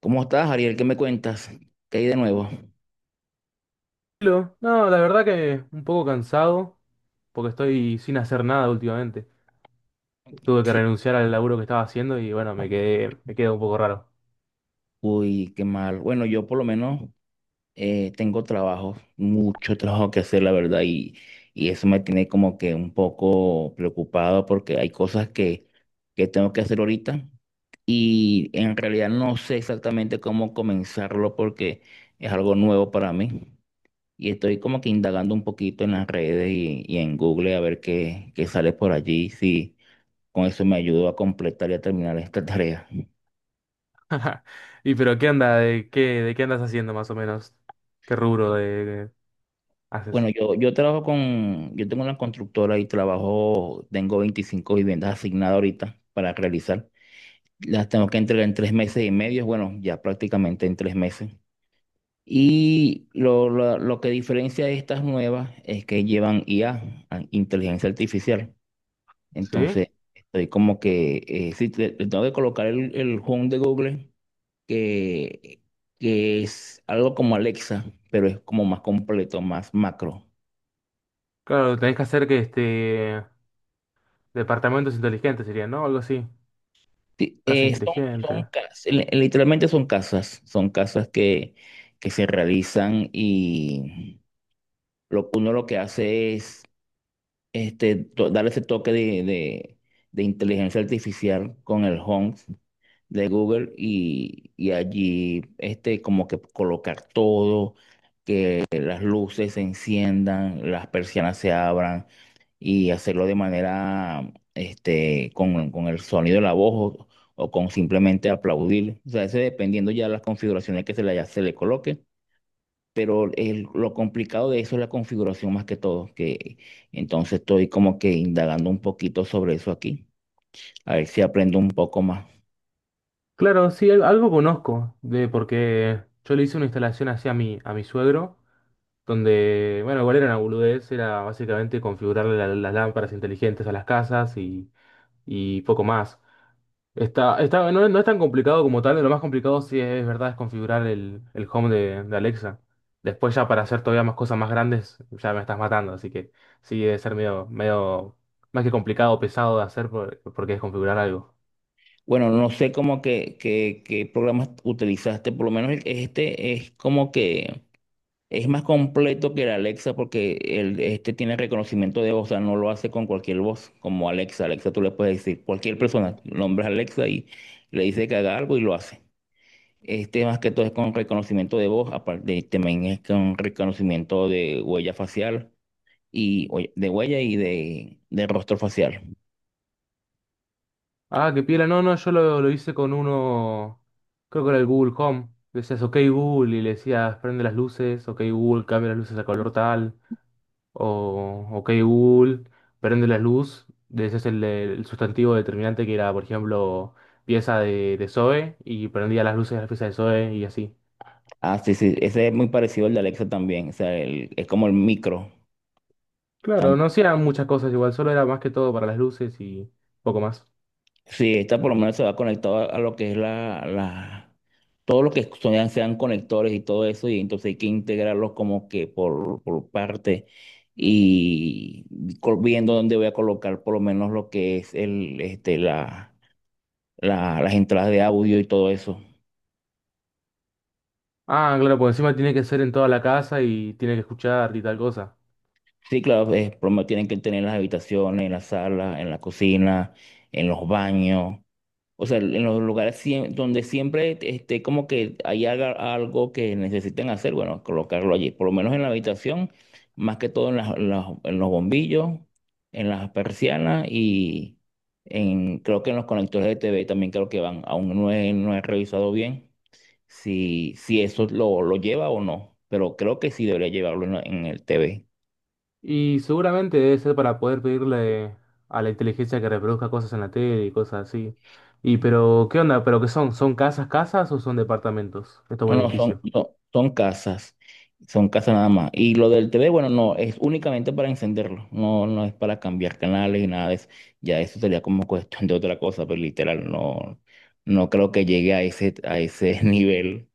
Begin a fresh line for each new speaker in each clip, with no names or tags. ¿Cómo estás, Ariel? ¿Qué me cuentas? ¿Qué hay de nuevo?
Tranquilo. No, la verdad que un poco cansado, porque estoy sin hacer nada últimamente. Tuve que
Sí.
renunciar al laburo que estaba haciendo y bueno, me quedé un poco raro.
Uy, qué mal. Bueno, yo por lo menos tengo trabajo, mucho trabajo que hacer, la verdad, y eso me tiene como que un poco preocupado porque hay cosas que tengo que hacer ahorita y en realidad no sé exactamente cómo comenzarlo porque es algo nuevo para mí y estoy como que indagando un poquito en las redes y en Google a ver qué sale por allí, si con eso me ayudó a completar y a terminar esta tarea.
Y pero ¿qué anda? ¿De qué andas haciendo más o menos? ¿Qué rubro
Bueno,
haces?
yo tengo una constructora tengo 25 viviendas asignadas ahorita para realizar. Las tengo que entregar en 3 meses y medio, bueno, ya prácticamente en 3 meses. Y lo que diferencia de estas nuevas es que llevan IA, inteligencia artificial.
¿Sí?
Entonces, estoy como que, sí, le tengo que colocar el Home de Google que, que es algo como Alexa, pero es como más completo, más macro.
Claro, tenés que hacer que este departamentos inteligentes serían, ¿no? Algo así.
Sí,
Casa
son
inteligente.
casas, literalmente son casas que se realizan y uno lo que hace es dar ese toque de inteligencia artificial con el Home de Google y allí como que colocar todo, que las luces se enciendan, las persianas se abran y hacerlo de manera, con el sonido de la voz o con simplemente aplaudir. O sea, eso dependiendo ya las configuraciones que se le coloque. Pero lo complicado de eso es la configuración más que todo, que entonces estoy como que indagando un poquito sobre eso aquí, a ver si aprendo un poco más.
Claro, sí, algo conozco de porque yo le hice una instalación así a mi suegro, donde, bueno, igual era una boludez, era básicamente configurarle las lámparas inteligentes a las casas y poco más. No, no es tan complicado como tal, lo más complicado sí es, verdad es configurar el home de Alexa. Después ya para hacer todavía más cosas más grandes, ya me estás matando, así que sí debe ser medio más que complicado, pesado de hacer porque es configurar algo.
Bueno, no sé qué programas utilizaste, por lo menos este es como que Es más completo que el Alexa porque este tiene reconocimiento de voz, o sea, no lo hace con cualquier voz, como Alexa. Alexa tú le puedes decir cualquier persona, nombres Alexa y le dice que haga algo y lo hace. Este más que todo es con reconocimiento de voz, aparte también es con reconocimiento de huella facial y oye, de huella y de rostro facial.
Ah, qué piola. No, no, yo lo hice con uno, creo que era el Google Home. Decías, ok Google, y le decías, prende las luces, ok Google, cambia las luces a color tal, o ok Google, prende la luz. Le decías el sustantivo determinante que era, por ejemplo, pieza de Zoe, y prendía las luces de la pieza de Zoe, y así.
Ah, sí, sí, ese es muy parecido al de Alexa también, o sea, es como el micro.
Claro, no hacían muchas cosas igual, solo era más que todo para las luces y poco más.
Sí, esta por lo menos se va conectado a lo que es todo lo que sean conectores y todo eso, y entonces hay que integrarlos como que por parte y viendo dónde voy a colocar por lo menos lo que es el, este, la- las entradas de audio y todo eso.
Ah, claro, por encima tiene que ser en toda la casa y tiene que escuchar y tal cosa.
Sí, claro, por lo menos tienen que tener las habitaciones, en la sala, en la cocina, en los baños. O sea, en los lugares donde siempre esté como que algo que necesiten hacer, bueno, colocarlo allí. Por lo menos en la habitación, más que todo en los bombillos, en las persianas y creo que en los conectores de TV también creo que van. Aún no he revisado bien si eso lo lleva o no, pero creo que sí debería llevarlo en el TV.
Y seguramente debe ser para poder pedirle a la inteligencia que reproduzca cosas en la tele y cosas así. Y pero, ¿qué onda? ¿Pero qué son? ¿Son casas, casas o son departamentos? Esto es
No,
un
no, son,
edificio.
son, son casas, son casas nada más. Y lo del TV, bueno, no, es únicamente para encenderlo, no, no es para cambiar canales y nada de eso. Ya eso sería como cuestión de otra cosa, pero literal, no, no creo que llegue a ese nivel.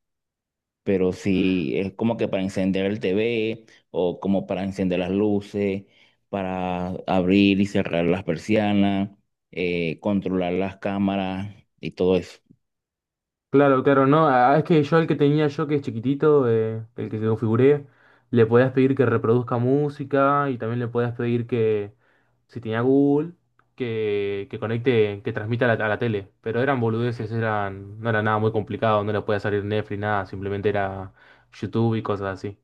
Pero sí, es como que para encender el TV o como para encender las luces, para abrir y cerrar las persianas, controlar las cámaras y todo eso.
Claro, claro, no. Ah, es que yo el que tenía yo, que es chiquitito, el que configuré, le podías pedir que reproduzca música y también le podías pedir que, si tenía Google, que conecte, que transmita a la tele. Pero eran boludeces, eran, no era nada muy complicado, no le podía salir Netflix, nada, simplemente era YouTube y cosas así.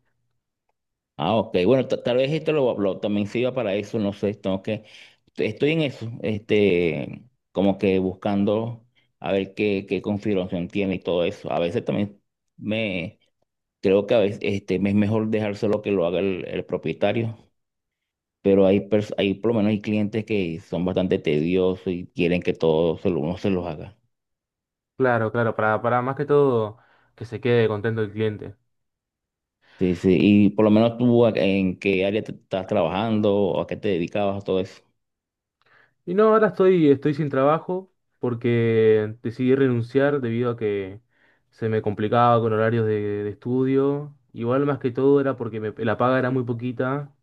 Ah, ok. Bueno, tal vez esto también sirva para eso, no sé, estoy en eso, como que buscando a ver qué configuración tiene y todo eso. A veces también me, creo que a veces me es mejor dejárselo que lo haga el propietario, pero por lo menos hay clientes que son bastante tediosos y quieren que todo uno se los haga.
Claro, claro, para más que todo que se quede contento el cliente.
Sí, sí, y por lo menos tú, en qué área te estás trabajando o a qué te dedicabas, todo eso?
Y no, ahora estoy sin trabajo porque decidí renunciar debido a que se me complicaba con horarios de estudio. Igual más que todo era porque la paga era muy poquita,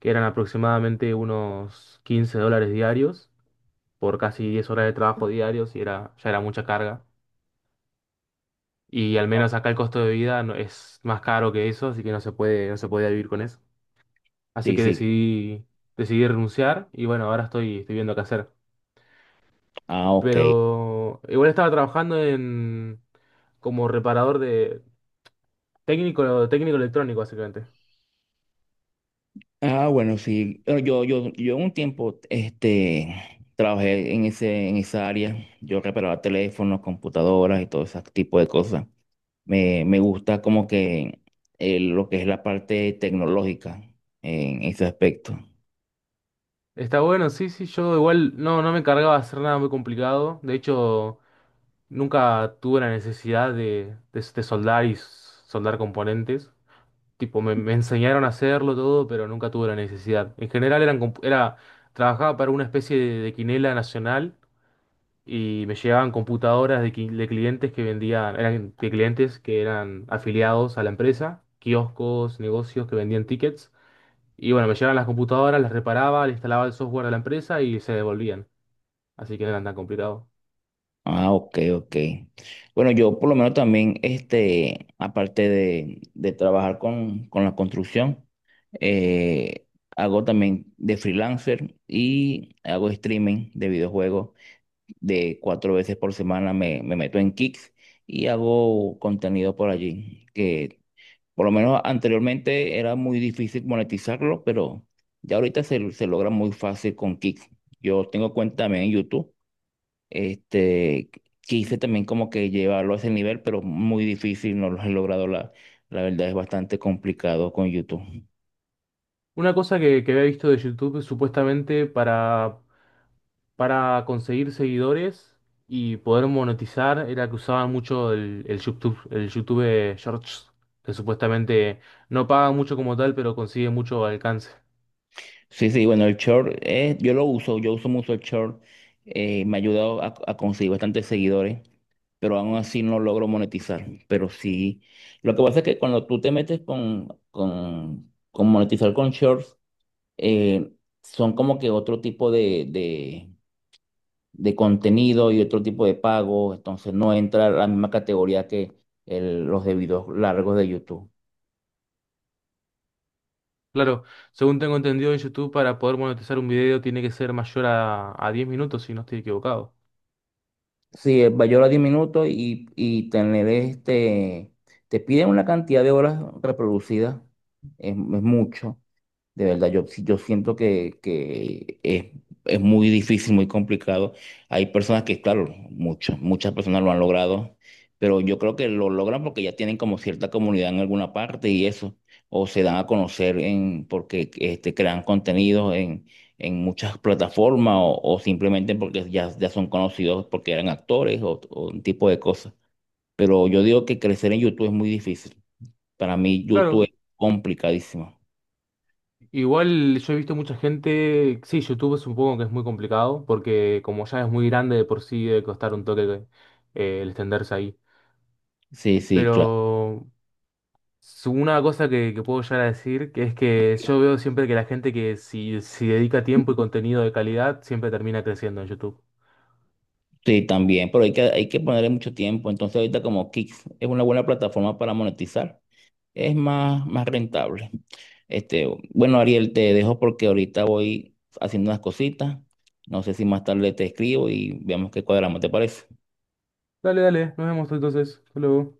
que eran aproximadamente unos 15 dólares diarios por casi 10 horas de trabajo diarios y era, ya era mucha carga. Y al menos acá el costo de vida es más caro que eso, así que no se puede, no se podía vivir con eso. Así
Sí,
que
sí.
decidí, decidí renunciar y bueno, ahora estoy viendo qué hacer.
Ah, ok.
Pero igual estaba trabajando en como reparador de técnico electrónico, básicamente.
Ah, bueno, sí. Yo un tiempo, trabajé en esa área. Yo reparaba teléfonos, computadoras y todo ese tipo de cosas. Me gusta como que lo que es la parte tecnológica en ese aspecto.
Está bueno, sí, sí, yo igual no, no me encargaba de hacer nada muy complicado. De hecho, nunca tuve la necesidad de soldar y soldar componentes. Tipo, me enseñaron a hacerlo todo, pero nunca tuve la necesidad. En general eran, trabajaba para una especie de quinela nacional y me llegaban computadoras de, de clientes que vendían, eran de clientes que eran afiliados a la empresa, kioscos, negocios que vendían tickets. Y bueno, me llegaban las computadoras, las reparaba, le instalaba el software a la empresa y se devolvían. Así que no eran tan complicados.
Ah, ok, ok. Bueno, yo por lo menos también, aparte de trabajar con la construcción, eh, hago también de freelancer y hago streaming de videojuegos. De cuatro veces por semana me meto en Kicks y hago contenido por allí, que por lo menos anteriormente era muy difícil monetizarlo, pero ya ahorita se logra muy fácil con Kicks. Yo tengo cuenta también en YouTube, este, quise también como que llevarlo a ese nivel, pero muy difícil, no lo he logrado, la verdad es bastante complicado con YouTube.
Una cosa que había visto de YouTube supuestamente para conseguir seguidores y poder monetizar era que usaban mucho el YouTube Shorts, que supuestamente no paga mucho como tal, pero consigue mucho alcance.
Sí, sí, bueno, el short, yo uso mucho el short, me ha ayudado a conseguir bastantes seguidores, pero aún así no logro monetizar. Pero sí, lo que pasa es que cuando tú te metes con monetizar con shorts, eh, son como que otro tipo de contenido y otro tipo de pago, entonces no entra a la misma categoría que los de videos largos de YouTube.
Claro, según tengo entendido en YouTube, para poder monetizar un video tiene que ser mayor a 10 minutos, si no estoy equivocado.
Sí, Bayola 10 minutos y tener te piden una cantidad de horas reproducidas, es mucho. De verdad, yo, sí, yo siento que es muy difícil, muy complicado. Hay personas que, claro, muchas, muchas personas lo han logrado, pero yo creo que lo logran porque ya tienen como cierta comunidad en alguna parte y eso, o se dan a conocer porque crean contenidos en muchas plataformas o simplemente porque ya son conocidos porque eran actores o un tipo de cosas. Pero yo digo que crecer en YouTube es muy difícil. Para mí, YouTube es
Claro,
complicadísimo.
igual yo he visto mucha gente, sí, YouTube es un poco que es muy complicado, porque como ya es muy grande de por sí debe costar un toque el extenderse ahí.
Sí, sí, claro.
Pero una cosa que puedo llegar a decir, que es que yo veo siempre que la gente que si dedica tiempo y contenido de calidad, siempre termina creciendo en YouTube.
Sí, también, pero hay que ponerle mucho tiempo. Entonces ahorita como Kick es una buena plataforma para monetizar, es más, más rentable. Este, bueno, Ariel, te dejo porque ahorita voy haciendo unas cositas. No sé si más tarde te escribo y veamos qué cuadramos, ¿te parece?
Dale, dale, nos vemos entonces. Hasta luego.